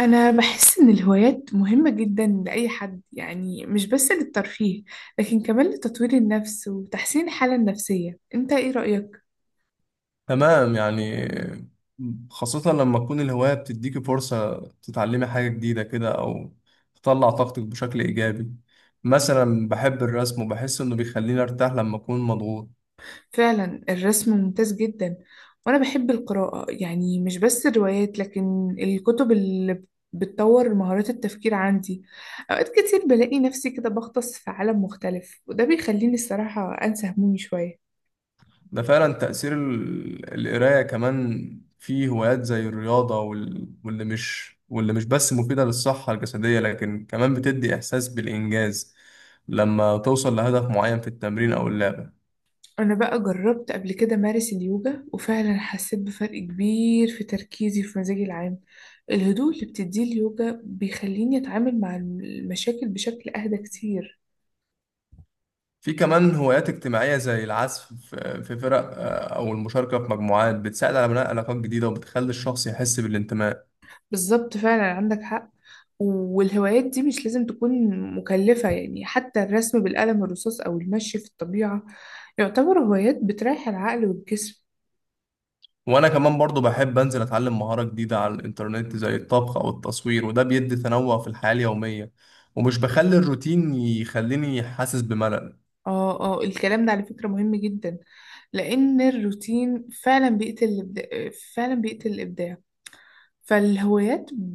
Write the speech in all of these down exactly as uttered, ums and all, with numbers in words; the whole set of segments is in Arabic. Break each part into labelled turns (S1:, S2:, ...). S1: أنا بحس إن الهوايات مهمة جدا لأي حد، يعني مش بس للترفيه، لكن كمان لتطوير النفس وتحسين الحالة النفسية. أنت إيه رأيك؟
S2: تمام، يعني خاصة لما تكون الهواية بتديكي فرصة تتعلمي حاجة جديدة كده أو تطلع طاقتك بشكل إيجابي. مثلا بحب الرسم وبحس إنه بيخليني أرتاح لما أكون مضغوط.
S1: فعلا الرسم ممتاز جدا، وأنا بحب القراءة، يعني مش بس الروايات لكن الكتب اللي بتطور مهارات التفكير عندي. أوقات كتير بلاقي نفسي كده بغطس في عالم مختلف، وده بيخليني الصراحة أنسى همومي شوية.
S2: ده فعلا تأثير ال- القراية. كمان في هوايات زي الرياضة وال... واللي مش واللي مش بس مفيدة للصحة الجسدية لكن كمان بتدي إحساس بالإنجاز لما توصل لهدف معين في التمرين أو اللعبة.
S1: أنا بقى جربت قبل كده مارس اليوجا، وفعلا حسيت بفرق كبير في تركيزي وفي مزاجي العام. الهدوء اللي بتديه اليوجا بيخليني أتعامل مع المشاكل بشكل أهدى كتير.
S2: في كمان هوايات اجتماعية زي العزف في في فرق آه، أو المشاركة في مجموعات بتساعد على بناء علاقات جديدة وبتخلي الشخص يحس بالانتماء.
S1: بالظبط، فعلا عندك حق. والهوايات دي مش لازم تكون مكلفة، يعني حتى الرسم بالقلم الرصاص أو المشي في الطبيعة يعتبر هوايات بتريح العقل والجسم.
S2: وأنا كمان برضو بحب أنزل أتعلم مهارة جديدة على الإنترنت زي الطبخ أو التصوير، وده بيدي تنوع في الحياة اليومية، ومش بخلي الروتين يخليني حاسس بملل.
S1: اه، اه، الكلام ده على فكرة مهم جدا، لأن الروتين فعلا بيقتل الإبداع. فعلا بيقتل الإبداع. فالهوايات ب...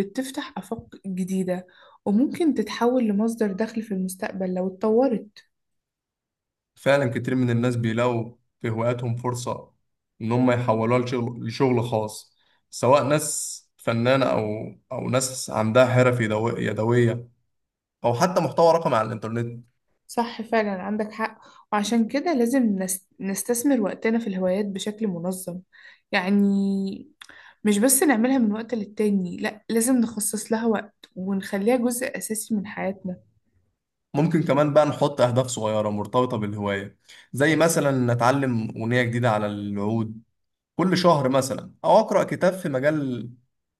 S1: بتفتح آفاق جديدة، وممكن تتحول لمصدر دخل في المستقبل لو اتطورت.
S2: فعلا كتير من الناس بيلاقوا في هواياتهم فرصة إن هم يحولوها لشغل لشغل خاص، سواء ناس فنانة أو أو ناس عندها حرف يدو- يدوية، أو حتى محتوى رقمي على الإنترنت.
S1: صح، فعلا عندك حق. وعشان كده لازم نس... نستثمر وقتنا في الهوايات بشكل منظم. يعني مش بس نعملها من وقت للتاني، لا، لازم نخصص لها وقت ونخليها جزء أساسي من حياتنا.
S2: ممكن كمان بقى نحط أهداف صغيرة مرتبطة بالهواية، زي مثلا نتعلم أغنية جديدة على العود كل شهر مثلا، أو أقرأ كتاب في مجال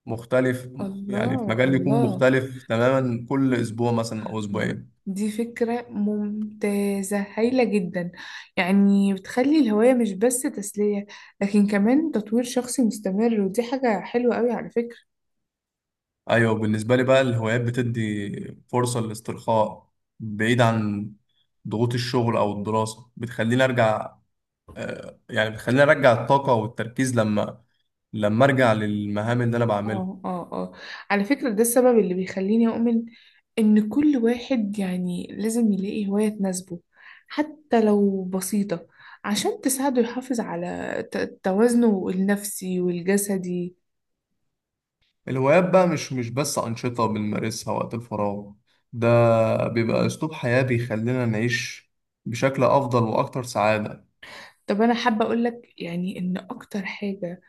S2: مختلف. يعني في
S1: الله،
S2: مجال يكون
S1: الله،
S2: مختلف تماما كل أسبوع مثلا أو أسبوعين.
S1: دي فكرة ممتازة هايلة جدا. يعني بتخلي الهواية مش بس تسلية، لكن كمان تطوير شخصي مستمر، ودي حاجة حلوة قوي على فكرة.
S2: أيوة، بالنسبة لي بقى الهوايات بتدي فرصة للاسترخاء بعيد عن ضغوط الشغل أو الدراسة، بتخليني أرجع، آه، يعني بتخليني أرجع الطاقة والتركيز لما لما أرجع للمهام اللي أنا بعملها.
S1: اه، اه، اه، على فكرة ده السبب اللي بيخليني أؤمن إن كل واحد يعني لازم يلاقي هواية تناسبه، حتى لو بسيطة، عشان تساعده يحافظ على ت- توازنه النفسي والجسدي.
S2: الهوايات بقى مش مش بس أنشطة بنمارسها وقت الفراغ، ده بيبقى أسلوب حياة بيخلينا نعيش بشكل أفضل وأكتر سعادة.
S1: طب أنا حابة أقولك يعني إن أكتر حاجة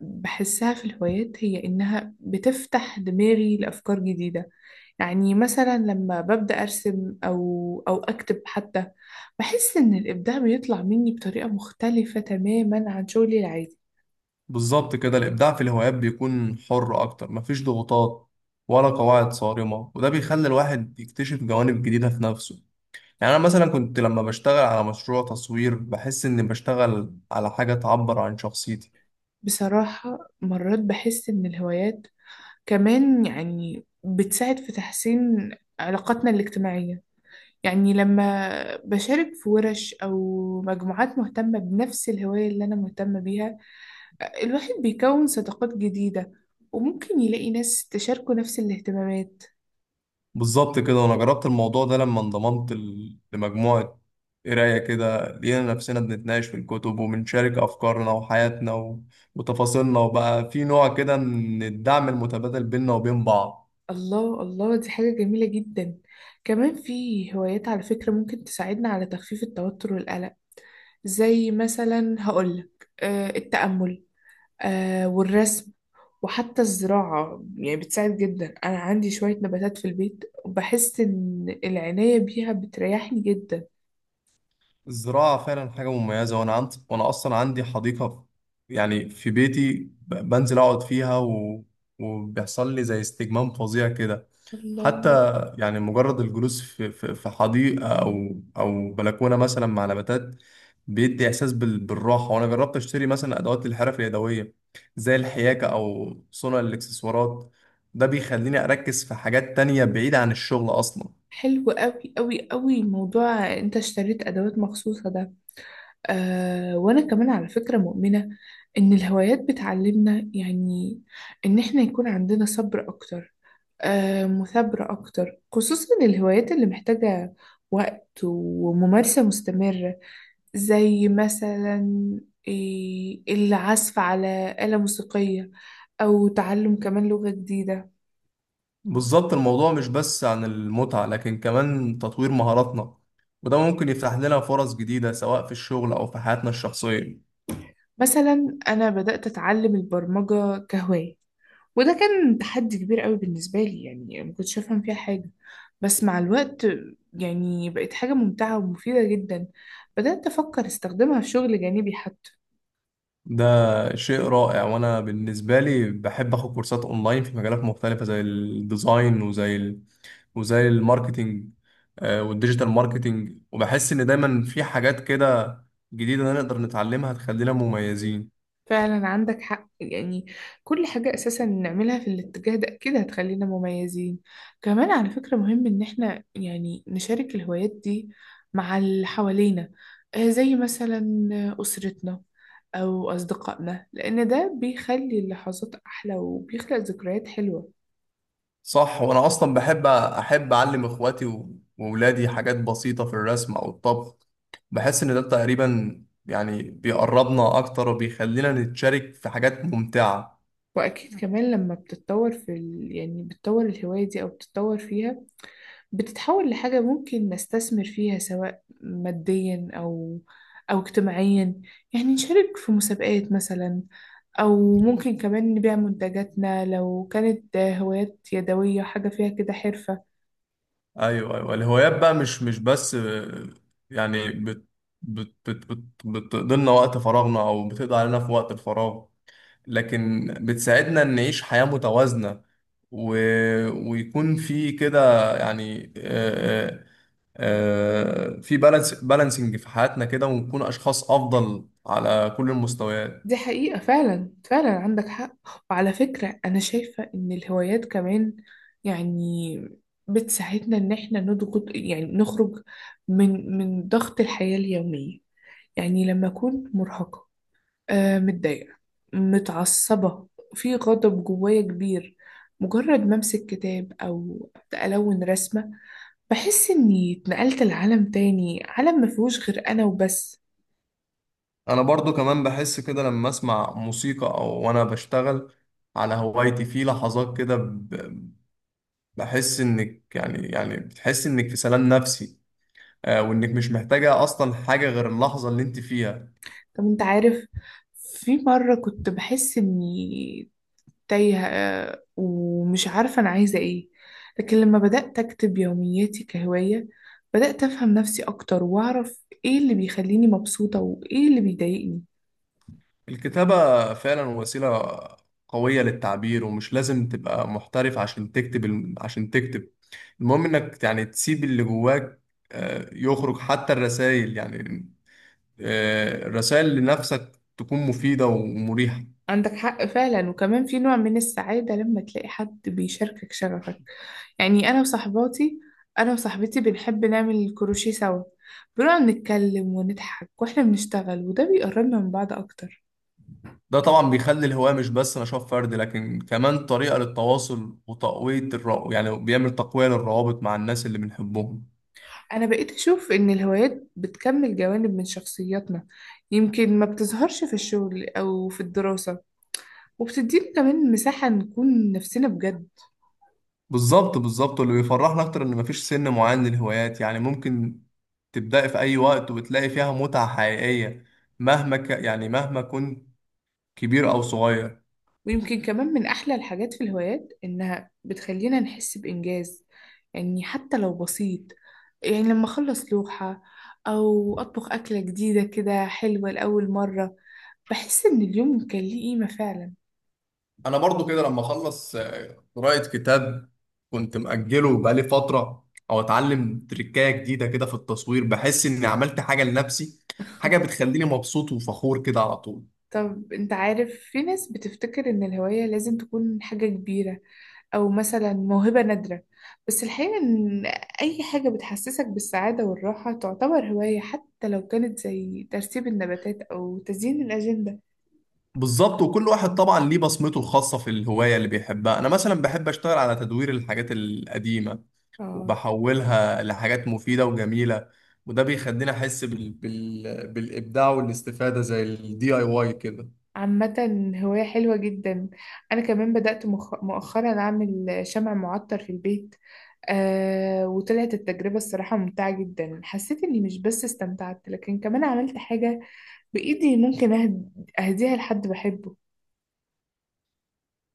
S1: بحسها في الهوايات هي إنها بتفتح دماغي لأفكار جديدة. يعني مثلا لما ببدأ أرسم أو أو أكتب حتى، بحس إن الإبداع بيطلع مني بطريقة مختلفة تماما عن شغلي العادي.
S2: بالظبط كده، الإبداع في الهوايات بيكون حر أكتر، مفيش ضغوطات ولا قواعد صارمة، وده بيخلي الواحد يكتشف جوانب جديدة في نفسه. يعني أنا مثلا كنت لما بشتغل على مشروع تصوير بحس إني بشتغل على حاجة تعبر عن شخصيتي.
S1: بصراحة مرات بحس إن الهوايات كمان يعني بتساعد في تحسين علاقاتنا الاجتماعية. يعني لما بشارك في ورش أو مجموعات مهتمة بنفس الهواية اللي أنا مهتمة بيها، الواحد بيكون صداقات جديدة، وممكن يلاقي ناس تشاركه نفس الاهتمامات.
S2: بالظبط كده، وانا جربت الموضوع ده لما انضممت ل- لمجموعة قراية كده، لقينا نفسنا بنتناقش في الكتب وبنشارك أفكارنا وحياتنا و... وتفاصيلنا، وبقى في نوع كده من الدعم المتبادل بيننا وبين بعض.
S1: الله، الله، دي حاجة جميلة جدا. كمان في هوايات على فكرة ممكن تساعدنا على تخفيف التوتر والقلق، زي مثلا هقولك آه التأمل، آه والرسم، وحتى الزراعة يعني بتساعد جدا. أنا عندي شوية نباتات في البيت، وبحس إن العناية بيها بتريحني جدا.
S2: الزراعة فعلا حاجة مميزة، وأنا عند... وأنا أصلا عندي حديقة في- يعني في بيتي، ب... بنزل أقعد فيها و... وبيحصل لي زي استجمام فظيع كده. حتى
S1: الله،
S2: يعني مجرد الجلوس في في في حديقة أو أو بلكونة مثلا مع نباتات بيدي إحساس بال- بالراحة. وأنا جربت أشتري مثلا أدوات الحرف اليدوية زي الحياكة أو صنع الإكسسوارات، ده بيخليني أركز في حاجات تانية بعيدة عن الشغل أصلا.
S1: حلو قوي قوي قوي موضوع انت اشتريت ادوات مخصوصة ده. آه، وأنا كمان على فكرة مؤمنة إن الهوايات بتعلمنا يعني إن إحنا يكون عندنا صبر أكتر، آه، مثابرة أكتر، خصوصا الهوايات اللي محتاجة وقت وممارسة مستمرة، زي مثلا إيه، العزف على آلة موسيقية، أو تعلم كمان لغة جديدة.
S2: بالظبط، الموضوع مش بس عن المتعة لكن كمان تطوير مهاراتنا، وده ممكن يفتح لنا فرص جديدة سواء في الشغل أو في حياتنا الشخصية.
S1: مثلا أنا بدأت أتعلم البرمجة كهواية، وده كان تحدي كبير قوي بالنسبة لي، يعني ما كنتش أفهم فيها حاجة، بس مع الوقت يعني بقت حاجة ممتعة ومفيدة جدا. بدأت أفكر استخدمها في شغل جانبي حتى.
S2: ده شيء رائع، وانا بالنسبه لي بحب اخد كورسات اونلاين في مجالات مختلفه زي الديزاين، وزي ال... وزي الماركتينج، آه، والديجيتال ماركتينج، وبحس ان دايما في حاجات كده جديده نقدر نتعلمها تخلينا مميزين.
S1: فعلا عندك حق، يعني كل حاجة أساسا نعملها في الاتجاه ده أكيد هتخلينا مميزين. كمان على فكرة مهم إن إحنا يعني نشارك الهوايات دي مع اللي حوالينا، آه، زي مثلا أسرتنا أو أصدقائنا، لأن ده بيخلي اللحظات أحلى وبيخلق ذكريات حلوة.
S2: صح، وانا اصلا بحب احب اعلم اخواتي و- واولادي حاجات بسيطه في الرسم او الطبخ، بحس ان ده تقريبا يعني بيقربنا اكتر وبيخلينا نتشارك في حاجات ممتعه.
S1: واكيد كمان لما بتتطور في ال... يعني بتطور الهواية دي او بتتطور فيها، بتتحول لحاجة ممكن نستثمر فيها سواء ماديا او او اجتماعيا. يعني نشارك في مسابقات مثلا، او ممكن كمان نبيع منتجاتنا لو كانت هوايات يدوية، حاجة فيها كده حرفة.
S2: ايوه ايوه الهوايات بقى مش مش بس آه، يعني بت بت بت بت بتقضي لنا وقت فراغنا او بتقضي علينا في وقت الفراغ، لكن بتساعدنا ان نعيش حياة متوازنة، و... ويكون في كده، يعني آه، آه، آه، في بالانس بالانسنج في حياتنا كده، ونكون اشخاص افضل على كل المستويات.
S1: دي حقيقة، فعلا فعلا عندك حق. وعلى فكرة أنا شايفة إن الهوايات كمان يعني بتساعدنا إن إحنا نضغط، يعني نخرج من من ضغط الحياة اليومية. يعني لما أكون مرهقة، آه، متضايقة، متعصبة، في غضب جوايا كبير، مجرد ما أمسك كتاب أو أبدأ ألون رسمة، بحس إني اتنقلت لعالم تاني، عالم مفيهوش غير أنا وبس.
S2: انا برضو كمان بحس كده لما اسمع موسيقى او وانا بشتغل على هوايتي، في لحظات كده بحس انك يعني يعني بتحس انك في سلام نفسي، آه، وانك مش محتاجة اصلا حاجة غير اللحظة اللي انت فيها.
S1: طب انت عارف، في مرة كنت بحس اني تايهة، آه، ومش عارفة انا عايزة ايه، لكن لما بدأت اكتب يومياتي كهواية، بدأت افهم نفسي اكتر، واعرف ايه اللي بيخليني مبسوطة وايه اللي بيضايقني.
S2: الكتابة فعلا وسيلة قوية للتعبير، ومش لازم تبقى محترف عشان تكتب الم- عشان تكتب. المهم انك يعني تسيب اللي جواك آه، يخرج. حتى الرسائل يعني الرسائل لنفسك تكون مفيدة ومريحة.
S1: عندك حق فعلا. وكمان في نوع من السعادة لما تلاقي حد بيشاركك شغفك. يعني انا وصحباتي، انا وصاحبتي بنحب نعمل الكروشيه سوا، بنقعد نتكلم ونضحك واحنا بنشتغل، وده بيقربنا من بعض اكتر.
S2: ده طبعا بيخلي الهواية مش بس نشاط فردي لكن كمان طريقة للتواصل وتقوية الر... يعني بيعمل تقوية للروابط مع الناس اللي بنحبهم.
S1: أنا بقيت أشوف إن الهوايات بتكمل جوانب من شخصياتنا يمكن ما بتظهرش في الشغل أو في الدراسة، وبتدينا كمان مساحة نكون نفسنا بجد.
S2: بالظبط بالظبط، واللي بيفرحنا أكتر إن مفيش سن معين للهوايات، يعني ممكن تبدأي في أي وقت وتلاقي فيها متعة حقيقية، مهما ك... يعني مهما كنت كبير أو صغير.
S1: ويمكن كمان من أحلى الحاجات في الهوايات إنها بتخلينا نحس بإنجاز، يعني حتى لو بسيط. يعني لما أخلص لوحة، أو أطبخ أكلة جديدة كده حلوة لأول مرة، بحس إن اليوم كان ليه قيمة فعلا.
S2: انا برضو كده لما اخلص آه، قراءة كتاب كنت مأجله بقالي فترة، او اتعلم تريكاية جديدة كده في التصوير، بحس اني عملت حاجة لنفسي، حاجة بتخليني مبسوط وفخور كده على طول.
S1: طب أنت عارف، في ناس بتفتكر إن الهواية لازم تكون حاجة كبيرة أو مثلا موهبة نادرة، بس الحقيقة إن أي حاجة بتحسسك بالسعادة والراحة تعتبر هواية، حتى لو كانت زي ترتيب النباتات أو تزيين الأجندة.
S2: بالظبط، وكل واحد طبعا ليه بصمته الخاصة في الهواية اللي بيحبها. انا مثلا بحب اشتغل على تدوير الحاجات القديمة
S1: آه،
S2: وبحولها لحاجات مفيدة وجميلة، وده بيخليني احس بال... بال... بالابداع والاستفادة، زي الدي اي واي كده.
S1: عامة هواية حلوة جدا. أنا كمان بدأت مخ- مؤخرا أعمل شمع معطر في البيت، آه، وطلعت التجربة الصراحة ممتعة جدا. حسيت إني مش بس استمتعت، لكن كمان عملت حاجة بإيدي ممكن أهد- أهديها لحد بحبه.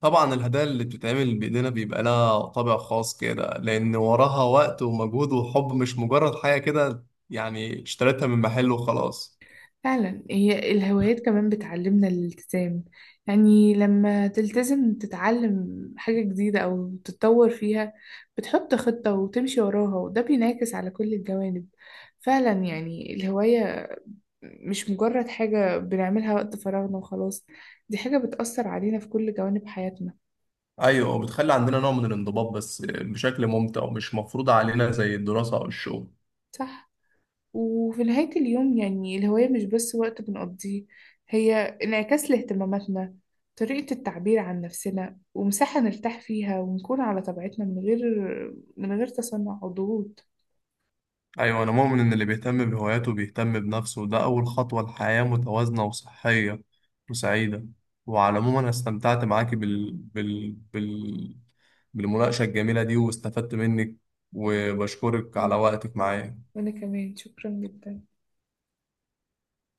S2: طبعا الهدايا اللي بتتعمل بإيدينا بيبقى لها طابع خاص كده، لأن وراها وقت ومجهود وحب، مش مجرد حاجة كده يعني اشتريتها من محل وخلاص.
S1: فعلا، هي الهوايات كمان بتعلمنا الالتزام. يعني لما تلتزم تتعلم حاجة جديدة أو تتطور فيها، بتحط خطة وتمشي وراها، وده بينعكس على كل الجوانب. فعلا يعني الهواية مش مجرد حاجة بنعملها وقت فراغنا وخلاص، دي حاجة بتأثر علينا في كل جوانب حياتنا.
S2: أيوة، وبتخلي عندنا نوع من الانضباط بس بشكل ممتع ومش مفروض علينا زي الدراسة أو الشغل.
S1: صح؟ وفي نهاية اليوم يعني الهواية مش بس وقت بنقضيه، هي انعكاس لاهتماماتنا، طريقة التعبير عن نفسنا، ومساحة نرتاح فيها ونكون على طبيعتنا من غير من غير تصنع أو ضغوط.
S2: أيوة أنا مؤمن إن اللي بيهتم بهواياته بيهتم بنفسه، وده أول خطوة لحياة متوازنة وصحية وسعيدة. وعلى العموم أنا استمتعت معاكي بال... بال... بال... بالمناقشة الجميلة دي واستفدت منك، وبشكرك على وقتك معايا.
S1: وأنا كمان شكرا جدا.